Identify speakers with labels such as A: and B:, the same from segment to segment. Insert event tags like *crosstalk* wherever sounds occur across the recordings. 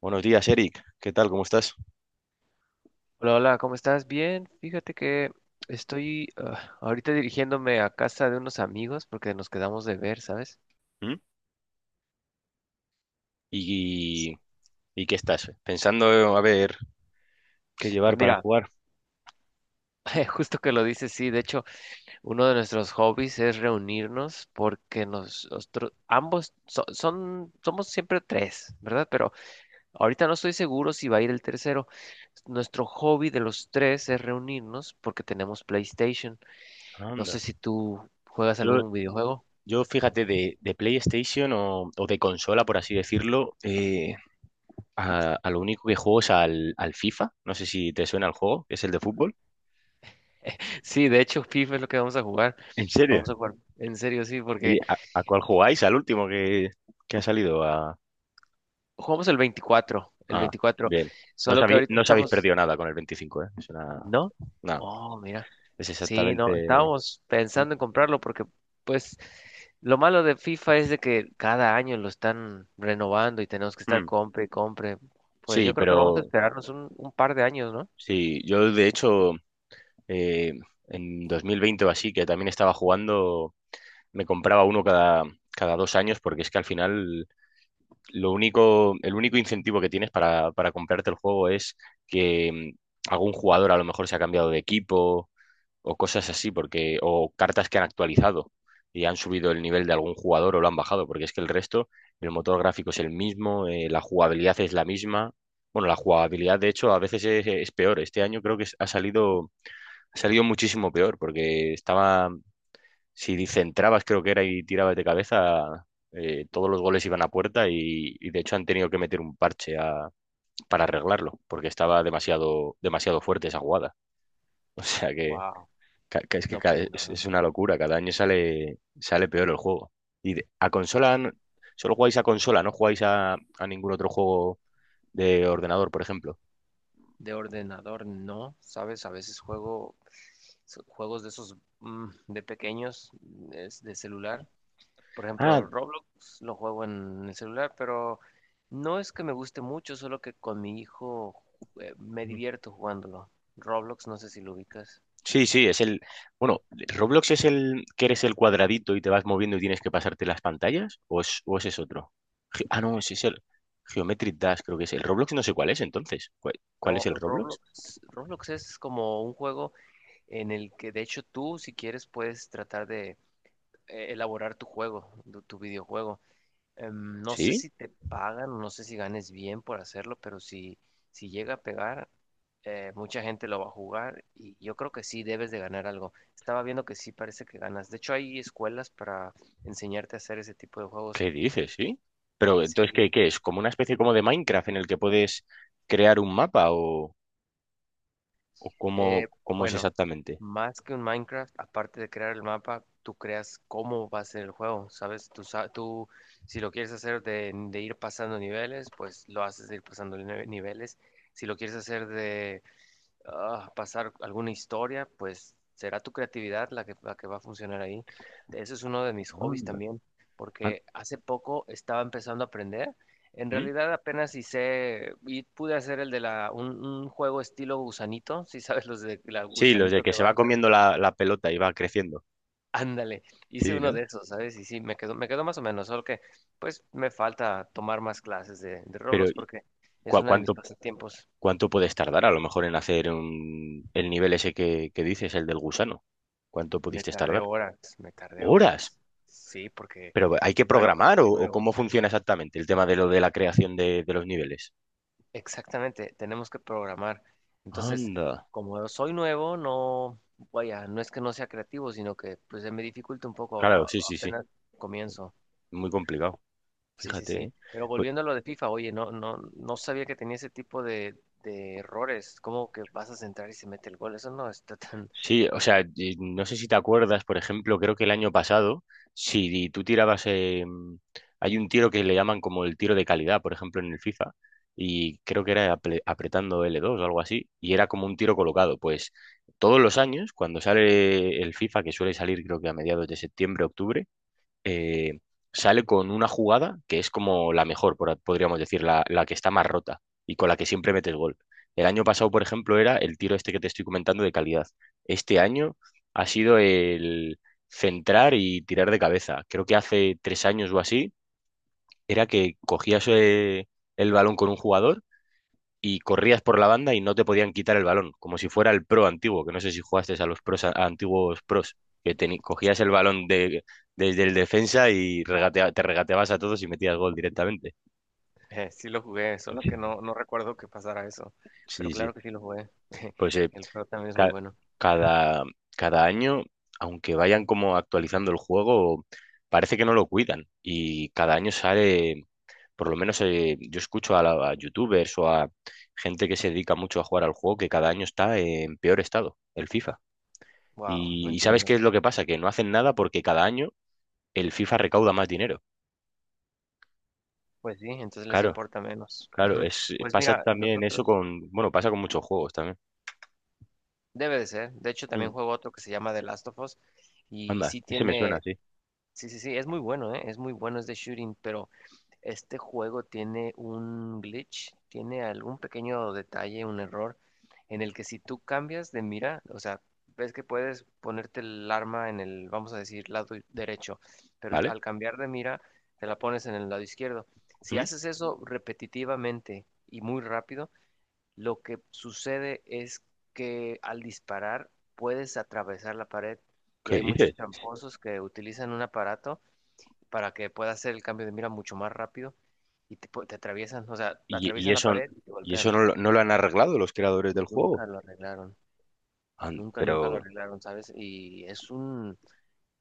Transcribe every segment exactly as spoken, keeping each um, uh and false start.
A: Buenos días, Eric. ¿Qué tal? ¿Cómo estás?
B: Hola, hola, ¿cómo estás? Bien, fíjate que estoy ah, ahorita dirigiéndome a casa de unos amigos porque nos quedamos de ver, ¿sabes?
A: ¿Mm? ¿Y, y qué estás pensando a ver qué llevar
B: Pues
A: para
B: mira,
A: jugar?
B: *laughs* justo que lo dices, sí, de hecho, uno de nuestros hobbies es reunirnos porque nos- nosotros ambos so- son, somos siempre tres, ¿verdad? Pero ahorita no estoy seguro si va a ir el tercero. Nuestro hobby de los tres es reunirnos porque tenemos PlayStation. No
A: Anda.
B: sé si tú juegas
A: Yo,
B: algún videojuego.
A: yo fíjate, de, de PlayStation o, o de consola, por así decirlo, eh, a, a lo único que juego es al, al FIFA. No sé si te suena el juego, que es el de fútbol.
B: Sí, de hecho, FIFA es lo que vamos a jugar.
A: ¿En serio?
B: Vamos a jugar, en serio, sí,
A: Oye,
B: porque
A: ¿a, a cuál jugáis? ¿Al último que, que ha salido? A,
B: jugamos el veinticuatro, el
A: ah,
B: veinticuatro.
A: Bien. No os
B: Solo que
A: habéis,
B: ahorita
A: no os habéis
B: estamos,
A: perdido nada con el veinticinco, ¿eh? Es una.
B: ¿no?
A: No,
B: Oh, mira.
A: es
B: Sí, no,
A: exactamente.
B: estábamos pensando en comprarlo porque, pues, lo malo de FIFA es de que cada año lo están renovando y tenemos que estar
A: Mm.
B: compre y compre. Pues
A: Sí,
B: yo creo que vamos a
A: pero
B: esperarnos un, un par de años, ¿no?
A: sí, yo de hecho eh, en dos mil veinte o así, que también estaba jugando, me compraba uno cada, cada dos años, porque es que al final lo único, el único incentivo que tienes para, para comprarte el juego es que mm, algún jugador a lo mejor se ha cambiado de equipo o cosas así, porque, o cartas que han actualizado y han subido el nivel de algún jugador o lo han bajado, porque es que el resto, el motor gráfico es el mismo, eh, la jugabilidad es la misma. Bueno, la jugabilidad, de hecho, a veces es, es peor. Este año creo que ha salido salió muchísimo peor, porque estaba, si centrabas, creo que era, y tirabas de cabeza, eh, todos los goles iban a puerta y, y de hecho han tenido que meter un parche a- para arreglarlo porque estaba demasiado, demasiado fuerte esa jugada. *laughs* O sea que,
B: Wow.
A: ca- que es que
B: No,
A: ca-
B: pues
A: es,
B: no.
A: es una locura, cada año sale, sale peor el juego. Y de- a consola, n- solo jugáis a consola, no jugáis a, a ningún otro juego de ordenador, por ejemplo.
B: De ordenador, no, sabes, a veces juego so- juegos de esos mm, de pequeños, es de celular. Por
A: Ah,
B: ejemplo, Roblox lo juego en el celular, pero no es que me guste mucho, solo que con mi hijo eh, me divierto jugándolo. Roblox, no sé si lo ubicas.
A: sí, sí, es el. Bueno, ¿Roblox es el que eres el cuadradito y te vas moviendo y tienes que pasarte las pantallas? ¿O es, o ese es otro? Ge- Ah, no, ese es el Geometric Dash. Creo que es el Roblox. No sé cuál es entonces. ¿Cuál, cuál es
B: No,
A: el Roblox?
B: Roblox, Roblox es como un juego en el que de hecho tú, si quieres, puedes tratar de eh, elaborar tu juego, tu tu videojuego. Em, no sé
A: ¿Sí?
B: si te pagan o no sé si ganes bien por hacerlo, pero si, si llega a pegar, eh, mucha gente lo va a jugar y yo creo que sí debes de ganar algo. Estaba viendo que sí parece que ganas. De hecho, hay escuelas para enseñarte a hacer ese tipo de juegos.
A: ¿Qué dices? ¿Sí? Pero entonces, ¿qué,
B: Sí,
A: qué es? ¿Como una especie como de Minecraft en el que puedes crear un mapa o, o
B: Eh,
A: cómo, cómo es
B: bueno,
A: exactamente?
B: más que un Minecraft, aparte de crear el mapa, tú creas cómo va a ser el juego, ¿sabes? Tú, sa- tú si lo quieres hacer de, de ir pasando niveles, pues lo haces de ir pasando nive- niveles. Si lo quieres hacer de ah, pasar alguna historia, pues será tu creatividad la que, la que va a funcionar ahí. Ese es uno de mis hobbies
A: Anda.
B: también,
A: An-
B: porque hace poco estaba empezando a aprender. En
A: ¿Mm?
B: realidad apenas hice y pude hacer el de la un, un juego estilo gusanito, si sabes los de la
A: Sí, los
B: gusanito.
A: de que
B: Que
A: se
B: va
A: va
B: a tra-
A: comiendo la, la pelota y va creciendo.
B: Ándale, hice
A: Sí,
B: uno
A: ¿no?
B: de esos, ¿sabes? Y sí, me quedó, me quedó más o menos, solo que pues me falta tomar más clases de, de
A: Pero
B: Roblox
A: ¿y
B: porque es
A: cua-
B: una de mis
A: ¿cuánto
B: pasatiempos.
A: ¿Cuánto puedes tardar a lo mejor en hacer un- el nivel ese que, que dices, el del gusano? ¿Cuánto
B: Me
A: pudiste
B: tardé
A: tardar?
B: horas, me tardé
A: Horas.
B: horas. Sí, porque,
A: Pero hay que
B: bueno, porque
A: programar, o,
B: soy
A: o
B: nuevo.
A: cómo funciona exactamente el tema de lo de la creación de, de los niveles.
B: Exactamente, tenemos que programar. Entonces,
A: Anda.
B: como soy nuevo, no, vaya, no es que no sea creativo, sino que pues se me dificulta un poco, a-
A: Claro, sí,
B: a-
A: sí, sí.
B: apenas comienzo.
A: Muy complicado.
B: Sí, sí,
A: Fíjate,
B: sí.
A: ¿eh?
B: Pero
A: Pues.
B: volviendo a lo de FIFA, oye, no, no, no sabía que tenía ese tipo de, de errores. ¿Cómo que vas a centrar y se mete el gol? Eso no está tan. *laughs*
A: Sí, o sea, y no sé si te acuerdas, por ejemplo. Creo que el año pasado, si tú tirabas, eh, hay un tiro que le llaman como el tiro de calidad, por ejemplo, en el FIFA, y creo que era apre- apretando L dos o algo así, y era como un tiro colocado. Pues todos los años, cuando sale el FIFA, que suele salir creo que a mediados de septiembre, octubre, eh, sale con una jugada que es como la mejor, por- podríamos decir, la, la que está más rota y con la que siempre metes gol. El año pasado, por ejemplo, era el tiro este que te estoy comentando de calidad. Este año ha sido el centrar y tirar de cabeza. Creo que hace tres años o así era que cogías eh, el balón con un jugador y corrías por la banda y no te podían quitar el balón, como si fuera el pro antiguo, que no sé si jugaste a los pros, a antiguos pros, que teni- cogías el balón de, desde el defensa y regatea- te regateabas a todos y metías gol directamente.
B: Eh, sí lo jugué, solo que
A: Sí,
B: no, no recuerdo que pasara eso. Pero
A: sí,
B: claro
A: sí.
B: que sí lo jugué. *laughs*
A: Pues eh,
B: El juego también es muy
A: ca-
B: bueno.
A: cada, cada año, aunque vayan como actualizando el juego, parece que no lo cuidan, y cada año sale. Por lo menos, eh, yo escucho a, la- a youtubers o a gente que se dedica mucho a jugar al juego que cada año está en peor estado, el FIFA.
B: Wow, no
A: Y, y ¿sabes
B: entiendo.
A: qué es lo que pasa? Que no hacen nada porque cada año el FIFA recauda más dinero.
B: Pues sí, entonces les
A: Claro,
B: importa menos.
A: claro,
B: Ujú.
A: es,
B: Pues
A: pasa
B: mira,
A: también eso
B: nosotros.
A: con, bueno, pasa con muchos juegos también.
B: Debe de ser. De hecho, también
A: Mm,
B: juego otro que se llama The Last of Us. Y
A: Anda,
B: sí
A: ese me suena,
B: tiene.
A: sí.
B: Sí, sí, sí. Es muy bueno, ¿eh? Es muy bueno, es de shooting. Pero este juego tiene un glitch. Tiene algún pequeño detalle, un error. En el que si tú cambias de mira, o sea, ves que puedes ponerte el arma en el, vamos a decir, lado derecho. Pero
A: ¿Vale?
B: al cambiar de mira, te la pones en el lado izquierdo. Si
A: Mm.
B: haces eso repetitivamente y muy rápido lo que sucede es que al disparar puedes atravesar la pared y
A: ¿Qué
B: hay muchos
A: dices?
B: tramposos que utilizan un aparato para que puedas hacer el cambio de mira mucho más rápido y te, pu- te atraviesan, o sea,
A: ¿Y, y
B: atraviesan la
A: eso,
B: pared y te
A: y eso
B: golpean.
A: no, lo- no lo han arreglado los creadores del juego?
B: Nunca lo arreglaron,
A: An-
B: nunca, nunca lo
A: Pero
B: arreglaron, ¿sabes? Y es un,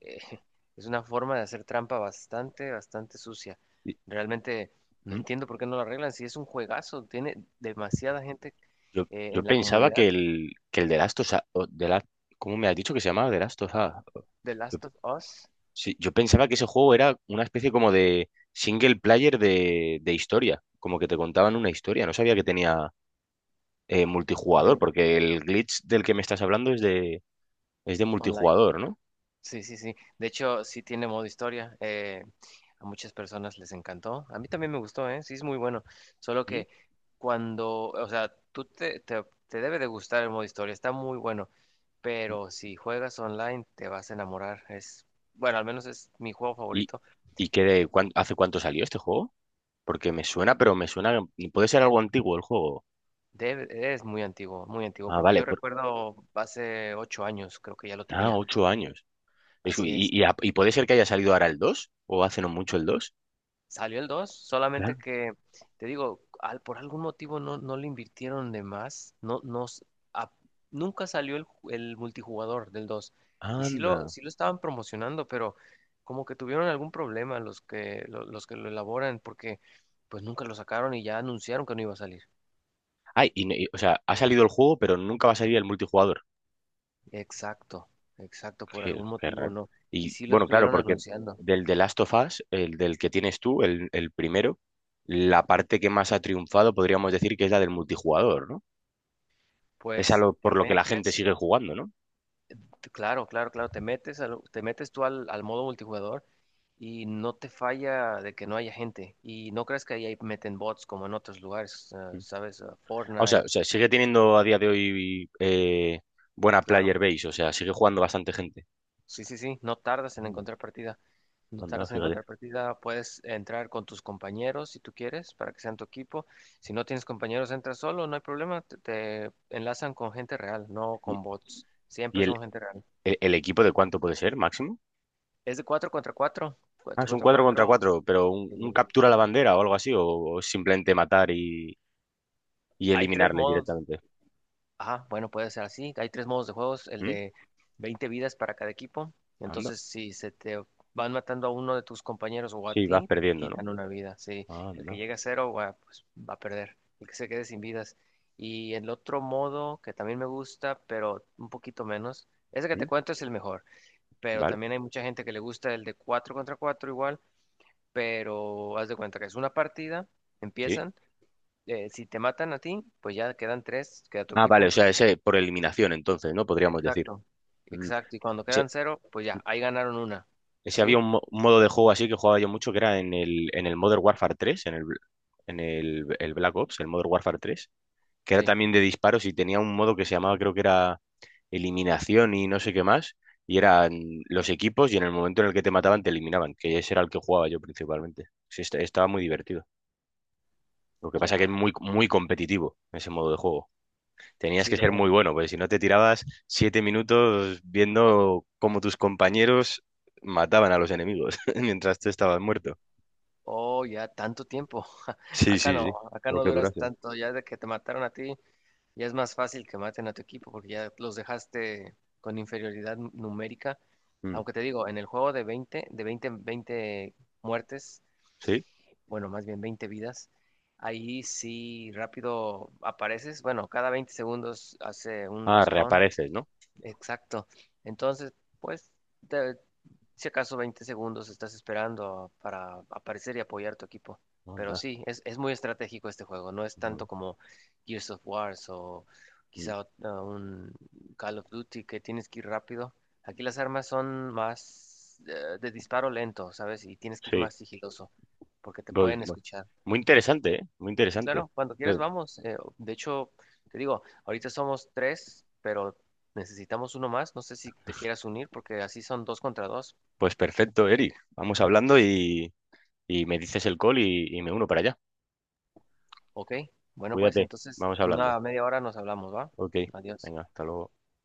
B: eh, *laughs* es una forma de hacer trampa bastante, bastante sucia.
A: y-
B: Realmente no
A: mm,
B: entiendo por qué no lo arreglan, si es un juegazo, tiene demasiada gente
A: yo,
B: eh,
A: yo
B: en la
A: pensaba
B: comunidad.
A: que el, que el de Last of Us- o- de la- ¿cómo me has dicho que se llamaba? De Last of
B: Ajá.
A: Us.
B: The Last of Us.
A: Sí, yo pensaba que ese juego era una especie como de single player de, de historia, como que te contaban una historia. No sabía que tenía eh, multijugador,
B: Ujú.
A: porque el glitch del que me estás hablando es de, es de
B: Online.
A: multijugador, ¿no?
B: Sí, sí, sí. De hecho, sí tiene modo historia. Eh, a muchas personas les encantó. A mí también me gustó, ¿eh? Sí, es muy bueno. Solo
A: ¿Mm?
B: que cuando, o sea, tú te, te, te debe de gustar el modo historia. Está muy bueno. Pero si juegas online, te vas a enamorar. Es, bueno, al menos es mi juego
A: ¿Y,
B: favorito.
A: y qué de, cuán- hace cuánto salió este juego? Porque me suena, pero me suena, puede ser algo antiguo el juego.
B: Debe- es muy antiguo, muy antiguo.
A: Ah,
B: Porque
A: vale,
B: yo
A: por,
B: recuerdo hace ocho años, creo que ya lo
A: ah,
B: tenía.
A: ocho años. Es- y,
B: Así es.
A: y, a- y puede ser que haya salido ahora el dos o hace no mucho el dos.
B: Salió el dos solamente
A: Claro.
B: que, te digo, al- por algún motivo no, no le invirtieron de más. No, no, s- a- nunca salió el, ju- el multijugador del dos. Y sí lo,
A: Anda.
B: sí lo estaban promocionando, pero como que tuvieron algún problema los que lo, los que lo elaboran, porque pues nunca lo sacaron y ya anunciaron que no iba a salir.
A: Ay, y, no- y- o sea, ha salido el juego, pero nunca va a salir el multijugador.
B: Exacto, exacto, por
A: Qué,
B: algún
A: qué
B: motivo
A: raro.
B: no. Y
A: Y
B: sí lo
A: bueno, claro,
B: estuvieron
A: porque
B: anunciando.
A: del The Last of Us, el del que tienes tú, el, el primero, la parte que más ha triunfado, podríamos decir que es la del multijugador, ¿no?
B: Pues
A: Es a lo,
B: te
A: por lo que la gente
B: metes,
A: sigue jugando, ¿no?
B: claro, claro, claro, te metes, al- te metes tú al al modo multijugador y no te falla de que no haya gente. Y no creas que ahí hay- meten bots como en otros lugares, eh,
A: Mm.
B: ¿sabes? Eh,
A: O sea,
B: Fortnite,
A: o sea, sigue teniendo a día de hoy, eh, buena
B: claro.
A: player base, o sea, sigue jugando bastante gente.
B: Sí, sí, sí, no tardas en
A: No,
B: encontrar partida. No
A: anda,
B: tardas en
A: fíjate.
B: encontrar partida. Puedes entrar con tus compañeros si tú quieres, para que sean tu equipo. Si no tienes compañeros, entras solo, no hay problema. Te, te enlazan con gente real, no
A: ¿Y,
B: con bots.
A: y
B: Siempre
A: el,
B: son gente real.
A: el- el equipo de cuánto puede ser, máximo?
B: Es de cuatro contra cuatro,
A: Ah,
B: cuatro
A: es un
B: contra
A: cuatro contra
B: cuatro.
A: cuatro, pero un, un captura a la bandera o algo así, o, o simplemente matar y, y
B: Hay tres
A: eliminarles
B: modos.
A: directamente.
B: Ajá, bueno, puede ser así. Hay tres modos de juegos, el
A: ¿Mm?
B: de veinte vidas para cada equipo.
A: Anda.
B: Entonces, si se te van matando a uno de tus compañeros o a
A: Sí, vas
B: ti,
A: perdiendo, ¿no?
B: quitan una vida. Si el que
A: Anda.
B: llega a cero, va, pues va a perder. El que se quede sin vidas. Y el otro modo que también me gusta, pero un poquito menos, ese que te
A: Mm,
B: cuento es el mejor. Pero
A: vale,
B: también hay mucha gente que le gusta el de cuatro contra cuatro igual, pero haz de cuenta que es una partida,
A: sí.
B: empiezan. Eh, si te matan a ti, pues ya quedan tres, queda tu
A: Ah, vale, o
B: equipo.
A: sea, ese por eliminación, entonces, ¿no? Podríamos decir.
B: Exacto.
A: Mm,
B: Exacto, y cuando
A: Ese,
B: quedan cero, pues ya, ahí ganaron una.
A: ese
B: ¿Sí?
A: había un, mo- un modo de juego así que jugaba yo mucho, que era en el, en el Modern Warfare tres, en el, en el, el Black Ops, el Modern Warfare tres, que era
B: Sí,
A: también de disparos, y tenía un modo que se llamaba, creo que era eliminación y no sé qué más, y eran los equipos y en el momento en el que te mataban te eliminaban, que ese era el que jugaba yo principalmente. Sí, est- estaba muy divertido. Lo que pasa que es
B: ya,
A: muy,
B: ok.
A: muy competitivo ese modo de juego. Tenías
B: Sí
A: que
B: lo
A: ser
B: es.
A: muy bueno, porque si no, te tirabas siete minutos viendo cómo tus compañeros mataban a los enemigos *laughs* mientras tú estabas muerto.
B: Oh, ya, tanto tiempo. *laughs*
A: Sí,
B: Acá
A: sí, sí.
B: no, acá
A: Lo
B: no
A: que
B: duras
A: durase.
B: tanto. Ya de que te mataron a ti, ya es más fácil que maten a tu equipo porque ya los dejaste con inferioridad nu- numérica.
A: Mm,
B: Aunque te digo, en el juego de veinte, de veinte, veinte muertes,
A: sí.
B: bueno, más bien veinte vidas, ahí sí rápido apareces. Bueno, cada veinte segundos hace un
A: Ah,
B: respawn.
A: reapareces, ¿no?
B: Exacto. Entonces, pues, te- si acaso veinte segundos estás esperando para aparecer y apoyar tu equipo. Pero
A: Anda.
B: sí, es, es muy estratégico este juego. No es tanto
A: Mm,
B: como Gears of Wars o
A: mm,
B: quizá ot- ah, un Call of Duty que tienes que ir rápido. Aquí las armas son más eh, de disparo lento, ¿sabes? Y tienes que ir más
A: sí.
B: sigiloso porque te
A: Pues,
B: pueden
A: mu-
B: escuchar.
A: muy interesante, ¿eh? Muy
B: Sí,
A: interesante.
B: claro, cuando
A: Sí.
B: quieras vamos. Eh, de hecho, te digo, ahorita somos tres, pero necesitamos uno más. No sé si te quieras unir porque así son dos contra dos.
A: Pues perfecto, Eric. Vamos hablando y, y me dices el call y, y me uno para allá.
B: Ok, bueno, pues
A: Cuídate.
B: entonces
A: Vamos
B: una
A: hablando.
B: media hora nos hablamos, ¿va?
A: Ok.
B: Adiós.
A: Venga, hasta luego.